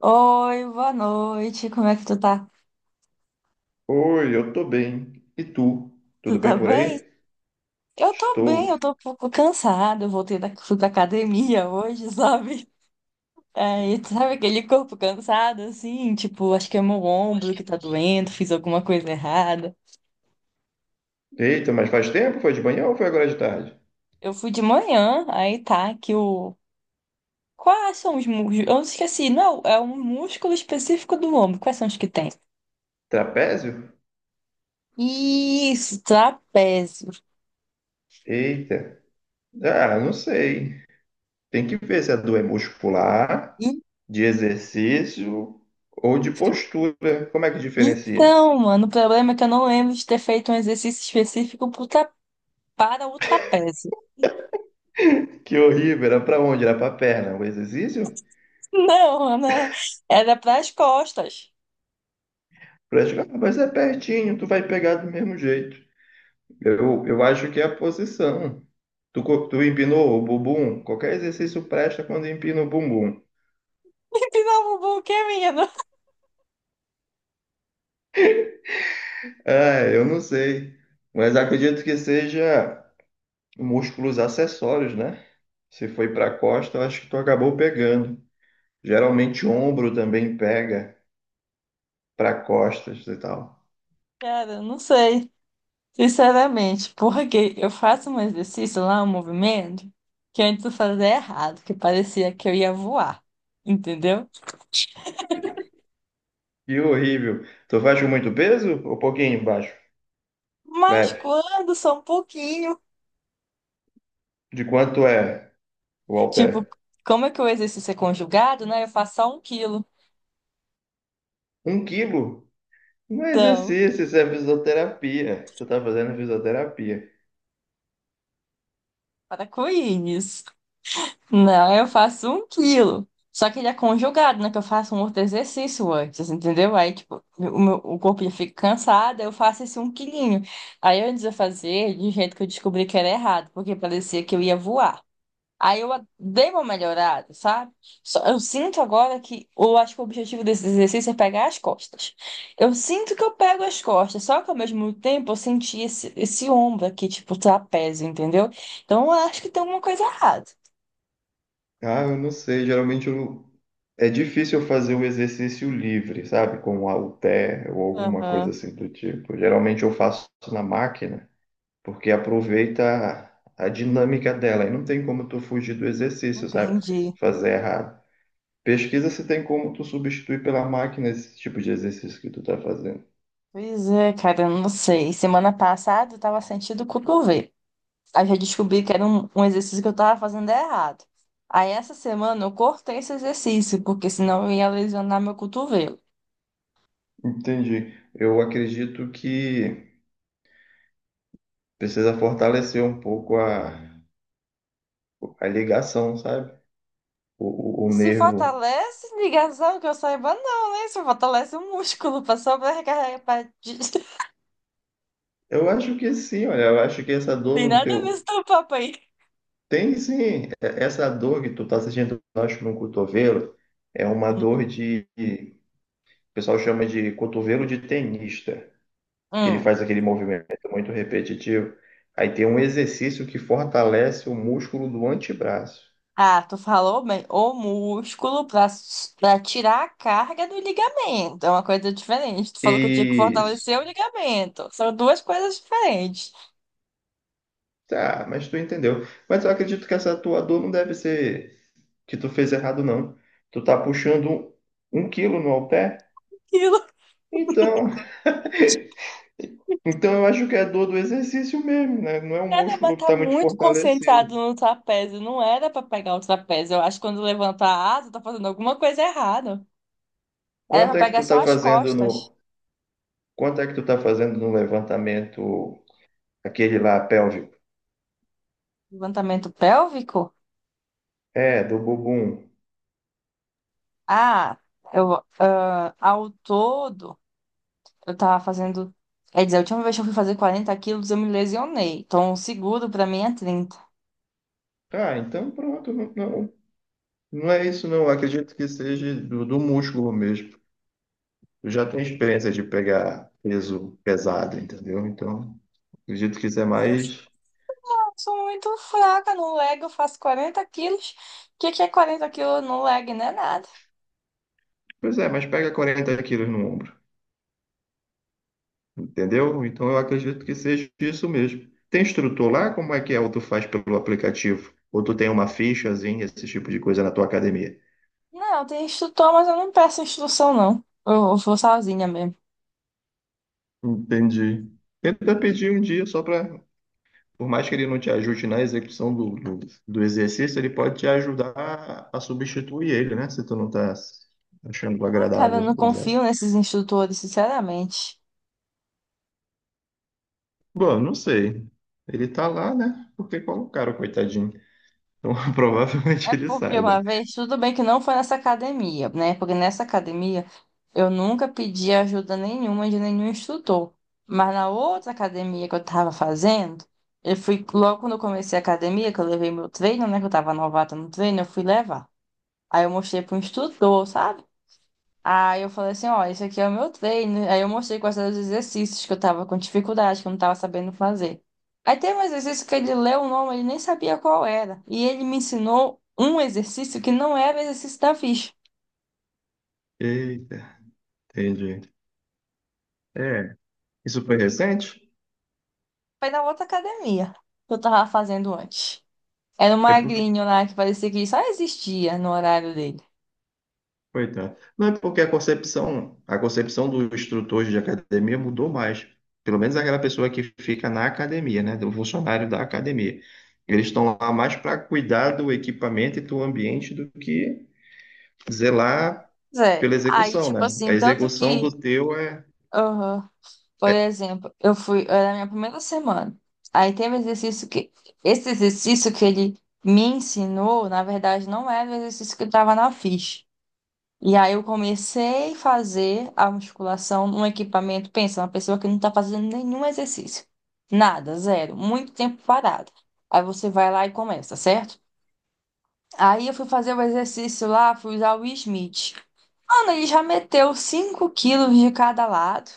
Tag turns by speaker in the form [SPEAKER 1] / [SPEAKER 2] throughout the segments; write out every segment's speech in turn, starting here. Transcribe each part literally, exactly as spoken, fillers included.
[SPEAKER 1] Oi, boa noite. Como é que tu tá?
[SPEAKER 2] Oi, eu tô bem. E tu?
[SPEAKER 1] Tu
[SPEAKER 2] Tudo
[SPEAKER 1] tá
[SPEAKER 2] bem por aí?
[SPEAKER 1] bem? Eu tô
[SPEAKER 2] Estou.
[SPEAKER 1] bem, eu tô um pouco cansada. Eu voltei da, fui pra academia hoje, sabe? Aí, tu sabe aquele corpo cansado, assim? Tipo, acho que é meu ombro que tá doendo, fiz alguma coisa errada.
[SPEAKER 2] Eita, mas faz tempo? Foi de manhã ou foi agora de tarde?
[SPEAKER 1] Eu fui de manhã, aí tá que o... Quais são os músculos? Eu esqueci, não, é um músculo específico do ombro. Quais são os que tem?
[SPEAKER 2] Trapézio?
[SPEAKER 1] Isso, trapézio.
[SPEAKER 2] Eita. Ah, não sei. Tem que ver se a dor é muscular, de exercício ou de postura. Como é que diferencia?
[SPEAKER 1] Então, mano, o problema é que eu não lembro de ter feito um exercício específico pro tra- para o trapézio.
[SPEAKER 2] Que horrível. Era pra onde? Era pra perna. O exercício?
[SPEAKER 1] Não, né? Era para as costas.
[SPEAKER 2] Praticar, mas é pertinho, tu vai pegar do mesmo jeito. Eu, eu acho que é a posição. Tu, co- tu empinou o bumbum? Qualquer exercício presta quando empina o bumbum.
[SPEAKER 1] Me pinava o buquê, menino.
[SPEAKER 2] É, eu não sei, mas acredito que seja músculos acessórios, né? Se foi para a costa, eu acho que tu acabou pegando. Geralmente ombro também pega para costas e tal.
[SPEAKER 1] Cara, eu não sei, sinceramente, porque eu faço um exercício lá, um movimento, que antes eu fazia errado, que parecia que eu ia voar, entendeu?
[SPEAKER 2] Que horrível. Tu faz com muito peso ou pouquinho embaixo?
[SPEAKER 1] Mas
[SPEAKER 2] Leve.
[SPEAKER 1] quando só um pouquinho,
[SPEAKER 2] De quanto é o
[SPEAKER 1] tipo,
[SPEAKER 2] halter?
[SPEAKER 1] como é que o exercício é conjugado, né? Eu faço só um quilo.
[SPEAKER 2] Um quilo? Não é
[SPEAKER 1] Então,
[SPEAKER 2] exercício, isso é fisioterapia. Tu tá fazendo fisioterapia.
[SPEAKER 1] para com isso. Não, eu faço um quilo. Só que ele é conjugado, né? Que eu faço um outro exercício antes, entendeu? Aí, tipo, o meu, o corpo já fica cansado, eu faço esse um quilinho. Aí, antes de eu fazer, de um jeito que eu descobri que era errado, porque parecia que eu ia voar. Aí, eu dei uma melhorada, sabe? Só, eu sinto agora que, eu acho que o objetivo desse exercício é pegar as costas. Eu sinto que eu pego as costas, só que ao mesmo tempo eu senti esse, esse ombro aqui, tipo, trapézio, entendeu? Então, eu acho que tem alguma coisa errada.
[SPEAKER 2] Ah, eu não sei, geralmente eu é difícil eu fazer o exercício livre, sabe? Com halter ou alguma coisa
[SPEAKER 1] Aham.
[SPEAKER 2] assim do tipo. Geralmente eu faço na máquina, porque aproveita a a dinâmica dela e não tem como tu fugir do exercício, sabe?
[SPEAKER 1] Entendi.
[SPEAKER 2] Fazer errado. Pesquisa se tem como tu substituir pela máquina esse tipo de exercício que tu tá fazendo.
[SPEAKER 1] Pois é, cara, eu não sei. Semana passada eu tava sentindo o cotovelo. Aí já descobri que era um, um exercício que eu tava fazendo errado. Aí essa semana eu cortei esse exercício, porque senão eu ia lesionar meu cotovelo.
[SPEAKER 2] Entendi. Eu acredito que precisa fortalecer um pouco a, a ligação, sabe? o, o
[SPEAKER 1] E
[SPEAKER 2] o
[SPEAKER 1] se
[SPEAKER 2] nervo.
[SPEAKER 1] fortalece, ligação, que eu saiba, não, né? Se fortalece o músculo pra sobrecarregar. Pra... des-
[SPEAKER 2] Eu acho que sim, olha, eu acho que essa dor
[SPEAKER 1] Tem
[SPEAKER 2] no
[SPEAKER 1] nada a ver
[SPEAKER 2] teu
[SPEAKER 1] com teu papo aí.
[SPEAKER 2] tem sim. E- essa dor que tu tá sentindo, eu acho, no cotovelo, é uma
[SPEAKER 1] Hum.
[SPEAKER 2] dor de, o pessoal chama de cotovelo de tenista, que ele
[SPEAKER 1] Hum.
[SPEAKER 2] faz aquele movimento muito repetitivo. Aí tem um exercício que fortalece o músculo do antebraço.
[SPEAKER 1] Ah, tu falou bem, o músculo pra, pra tirar a carga do ligamento. É uma coisa diferente. Tu falou que eu tinha que
[SPEAKER 2] Isso.
[SPEAKER 1] fortalecer o ligamento. São duas coisas diferentes.
[SPEAKER 2] Tá, mas tu entendeu. Mas eu acredito que essa tua dor não deve ser que tu fez errado, não. Tu tá puxando um, um quilo no halter?
[SPEAKER 1] Aquilo,
[SPEAKER 2] Então, então eu acho que é dor do exercício mesmo, né? Não é um
[SPEAKER 1] cara, mas
[SPEAKER 2] músculo que
[SPEAKER 1] tá
[SPEAKER 2] está muito
[SPEAKER 1] muito concentrado
[SPEAKER 2] fortalecido.
[SPEAKER 1] no trapézio. Não era pra pegar o trapézio. Eu acho que quando levanta a asa, tá fazendo alguma coisa errada. Era
[SPEAKER 2] Quanto é
[SPEAKER 1] pra
[SPEAKER 2] que
[SPEAKER 1] pegar
[SPEAKER 2] tu
[SPEAKER 1] só
[SPEAKER 2] tá
[SPEAKER 1] as
[SPEAKER 2] fazendo
[SPEAKER 1] costas.
[SPEAKER 2] no, quanto é que tu tá fazendo no levantamento aquele lá pélvico?
[SPEAKER 1] Levantamento pélvico?
[SPEAKER 2] É, do bumbum.
[SPEAKER 1] Ah, eu, ah, ao todo. Eu tava fazendo. Quer dizer, a última vez que eu fui fazer quarenta quilos, eu me lesionei. Então, o seguro pra mim é trinta.
[SPEAKER 2] Ah, então pronto, não, não, não é isso não. Eu acredito que seja do, do músculo mesmo. Eu já tenho experiência de pegar peso pesado, entendeu? Então, acredito que isso é mais,
[SPEAKER 1] Eu sou muito fraca no leg, eu faço quarenta quilos. O que que é quarenta quilos no leg? Não é nada.
[SPEAKER 2] pois é, mas pega 40 quilos no ombro. Entendeu? Então eu acredito que seja isso mesmo. Tem instrutor lá? Como é que é? Ou tu faz pelo aplicativo? Ou tu tem uma fichazinha, esse tipo de coisa na tua academia?
[SPEAKER 1] Não, tem instrutor, mas eu não peço instrução, não. Eu, eu vou sozinha mesmo.
[SPEAKER 2] Entendi. Tenta pedir um dia só para, por mais que ele não te ajude na execução do, do, do exercício, ele pode te ajudar a, a substituir ele, né? Se tu não tá achando
[SPEAKER 1] Ah, cara, eu
[SPEAKER 2] agradável
[SPEAKER 1] não
[SPEAKER 2] usar.
[SPEAKER 1] confio nesses instrutores, sinceramente.
[SPEAKER 2] Bom, não sei. Ele tá lá, né? Porque colocaram, coitadinho. Então provavelmente
[SPEAKER 1] É
[SPEAKER 2] ele
[SPEAKER 1] porque uma
[SPEAKER 2] saiba.
[SPEAKER 1] vez, tudo bem que não foi nessa academia, né? Porque nessa academia eu nunca pedi ajuda nenhuma de nenhum instrutor. Mas na outra academia que eu tava fazendo, eu fui, logo quando eu comecei a academia, que eu levei meu treino, né? Que eu tava novata no treino, eu fui levar. Aí eu mostrei pro instrutor, sabe? Aí eu falei assim, ó, esse aqui é o meu treino. Aí eu mostrei quais eram os exercícios que eu tava com dificuldade, que eu não tava sabendo fazer. Aí tem um exercício que ele leu o nome, ele nem sabia qual era. E ele me ensinou um exercício que não era o exercício da ficha.
[SPEAKER 2] Eita, entendi. É, isso foi recente?
[SPEAKER 1] Foi na outra academia que eu tava fazendo antes. Era um
[SPEAKER 2] É porque.
[SPEAKER 1] magrinho lá que parecia que só existia no horário dele.
[SPEAKER 2] Coitado. Não, é porque a concepção, a concepção do instrutor de academia mudou mais. Pelo menos aquela pessoa que fica na academia, né? Do funcionário da academia. Eles estão lá mais para cuidar do equipamento e do ambiente do que zelar
[SPEAKER 1] Pois é.
[SPEAKER 2] pela
[SPEAKER 1] Aí,
[SPEAKER 2] execução,
[SPEAKER 1] tipo
[SPEAKER 2] né? A
[SPEAKER 1] assim, tanto
[SPEAKER 2] execução
[SPEAKER 1] que.
[SPEAKER 2] do teu é.
[SPEAKER 1] Aham. Por exemplo, eu fui, era a minha primeira semana. Aí teve um exercício que, esse exercício que ele me ensinou, na verdade, não era o exercício que estava na ficha. E aí eu comecei a fazer a musculação num equipamento, pensa, uma pessoa que não está fazendo nenhum exercício. Nada, zero, muito tempo parado. Aí você vai lá e começa, certo? Aí eu fui fazer o exercício lá, fui usar o Smith. Mano, ele já meteu cinco quilos de cada lado.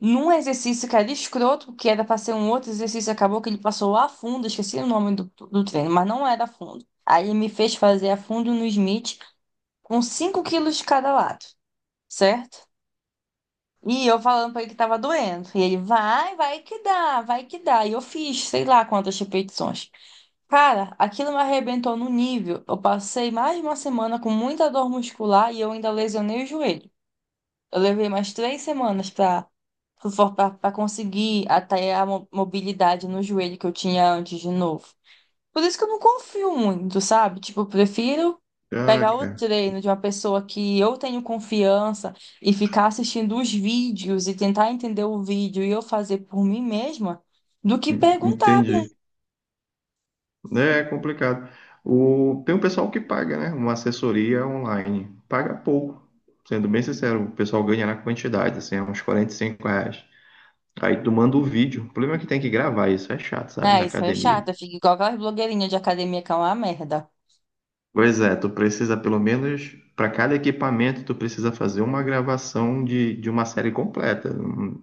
[SPEAKER 1] Num exercício que era escroto, que era para ser um outro exercício, acabou que ele passou a fundo, esqueci o nome do, do treino, mas não era a fundo. Aí ele me fez fazer a fundo no Smith com cinco quilos de cada lado, certo? E eu falando pra ele que tava doendo. E ele, vai, vai que dá, vai que dá. E eu fiz, sei lá quantas repetições. Cara, aquilo me arrebentou no nível. Eu passei mais de uma semana com muita dor muscular e eu ainda lesionei o joelho. Eu levei mais três semanas para para conseguir até a mo- mobilidade no joelho que eu tinha antes de novo. Por isso que eu não confio muito, sabe? Tipo, eu prefiro
[SPEAKER 2] Ah,
[SPEAKER 1] pegar o
[SPEAKER 2] cara.
[SPEAKER 1] treino de uma pessoa que eu tenho confiança e ficar assistindo os vídeos e tentar entender o vídeo e eu fazer por mim mesma do que perguntar. pra um-
[SPEAKER 2] Entendi. É complicado. O, tem um pessoal que paga, né? Uma assessoria online. Paga pouco. Sendo bem sincero, o pessoal ganha na quantidade, assim, é uns quarenta e cinco reais. Aí tu manda o vídeo. O problema é que tem que gravar isso, é chato, sabe? Na
[SPEAKER 1] É, isso é
[SPEAKER 2] academia.
[SPEAKER 1] chato, fica igual aquelas blogueirinhas de academia que é uma merda.
[SPEAKER 2] Pois é, tu precisa pelo menos, para cada equipamento, tu precisa fazer uma gravação de, de uma série completa. Hum,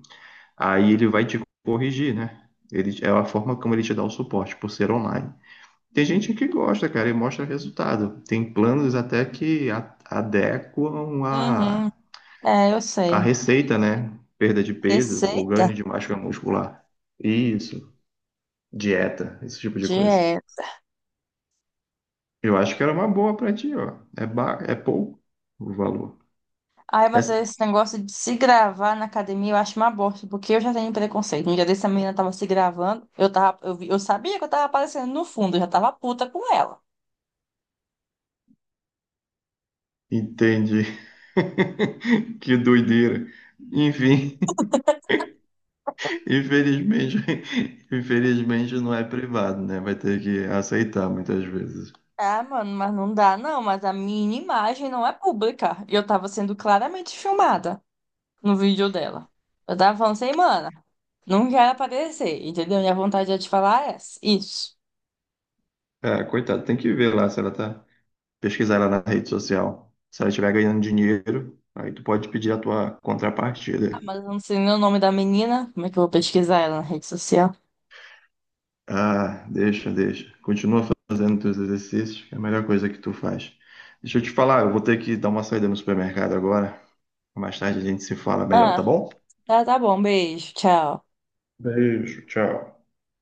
[SPEAKER 2] Aí ele vai te corrigir, né? Ele, é a forma como ele te dá o suporte, por ser online. Tem gente que gosta, cara, e mostra resultado. Tem planos até que a- adequam
[SPEAKER 1] Uhum.
[SPEAKER 2] a,
[SPEAKER 1] É, eu
[SPEAKER 2] a
[SPEAKER 1] sei.
[SPEAKER 2] receita, né? Perda de peso ou
[SPEAKER 1] Receita?
[SPEAKER 2] ganho de massa muscular. Isso, dieta, esse tipo de coisa.
[SPEAKER 1] Dieta.
[SPEAKER 2] Eu acho que era uma boa pra ti, ó. É, ba... é pouco o valor.
[SPEAKER 1] Ai,
[SPEAKER 2] É-
[SPEAKER 1] mas esse negócio de se gravar na academia eu acho uma bosta, porque eu já tenho preconceito. Um dia desse a menina tava se gravando, eu tava, eu, vi- eu sabia que eu tava aparecendo no fundo, eu já tava puta com ela.
[SPEAKER 2] Entendi. Que doideira. Enfim, infelizmente, infelizmente não é privado, né? Vai ter que aceitar muitas vezes.
[SPEAKER 1] Ah, mano, mas não dá não, mas a minha imagem não é pública. E eu tava sendo claramente filmada no vídeo dela. Eu tava falando assim, mana, não quero aparecer, entendeu? Minha vontade é te falar é essa, isso.
[SPEAKER 2] Ah, coitado, tem que ver lá se ela tá, pesquisar lá na rede social. Se ela estiver ganhando dinheiro, aí tu pode pedir a tua
[SPEAKER 1] Ah,
[SPEAKER 2] contrapartida.
[SPEAKER 1] mas eu não sei nem o nome da menina, como é que eu vou pesquisar ela na rede social?
[SPEAKER 2] Ah, deixa, deixa. Continua fazendo teus exercícios, que é a melhor coisa que tu faz. Deixa eu te falar, eu vou ter que dar uma saída no supermercado agora. Mais tarde a gente se fala melhor,
[SPEAKER 1] Ah,
[SPEAKER 2] tá bom?
[SPEAKER 1] tá, tá bom, beijo, tchau.
[SPEAKER 2] Beijo, tchau.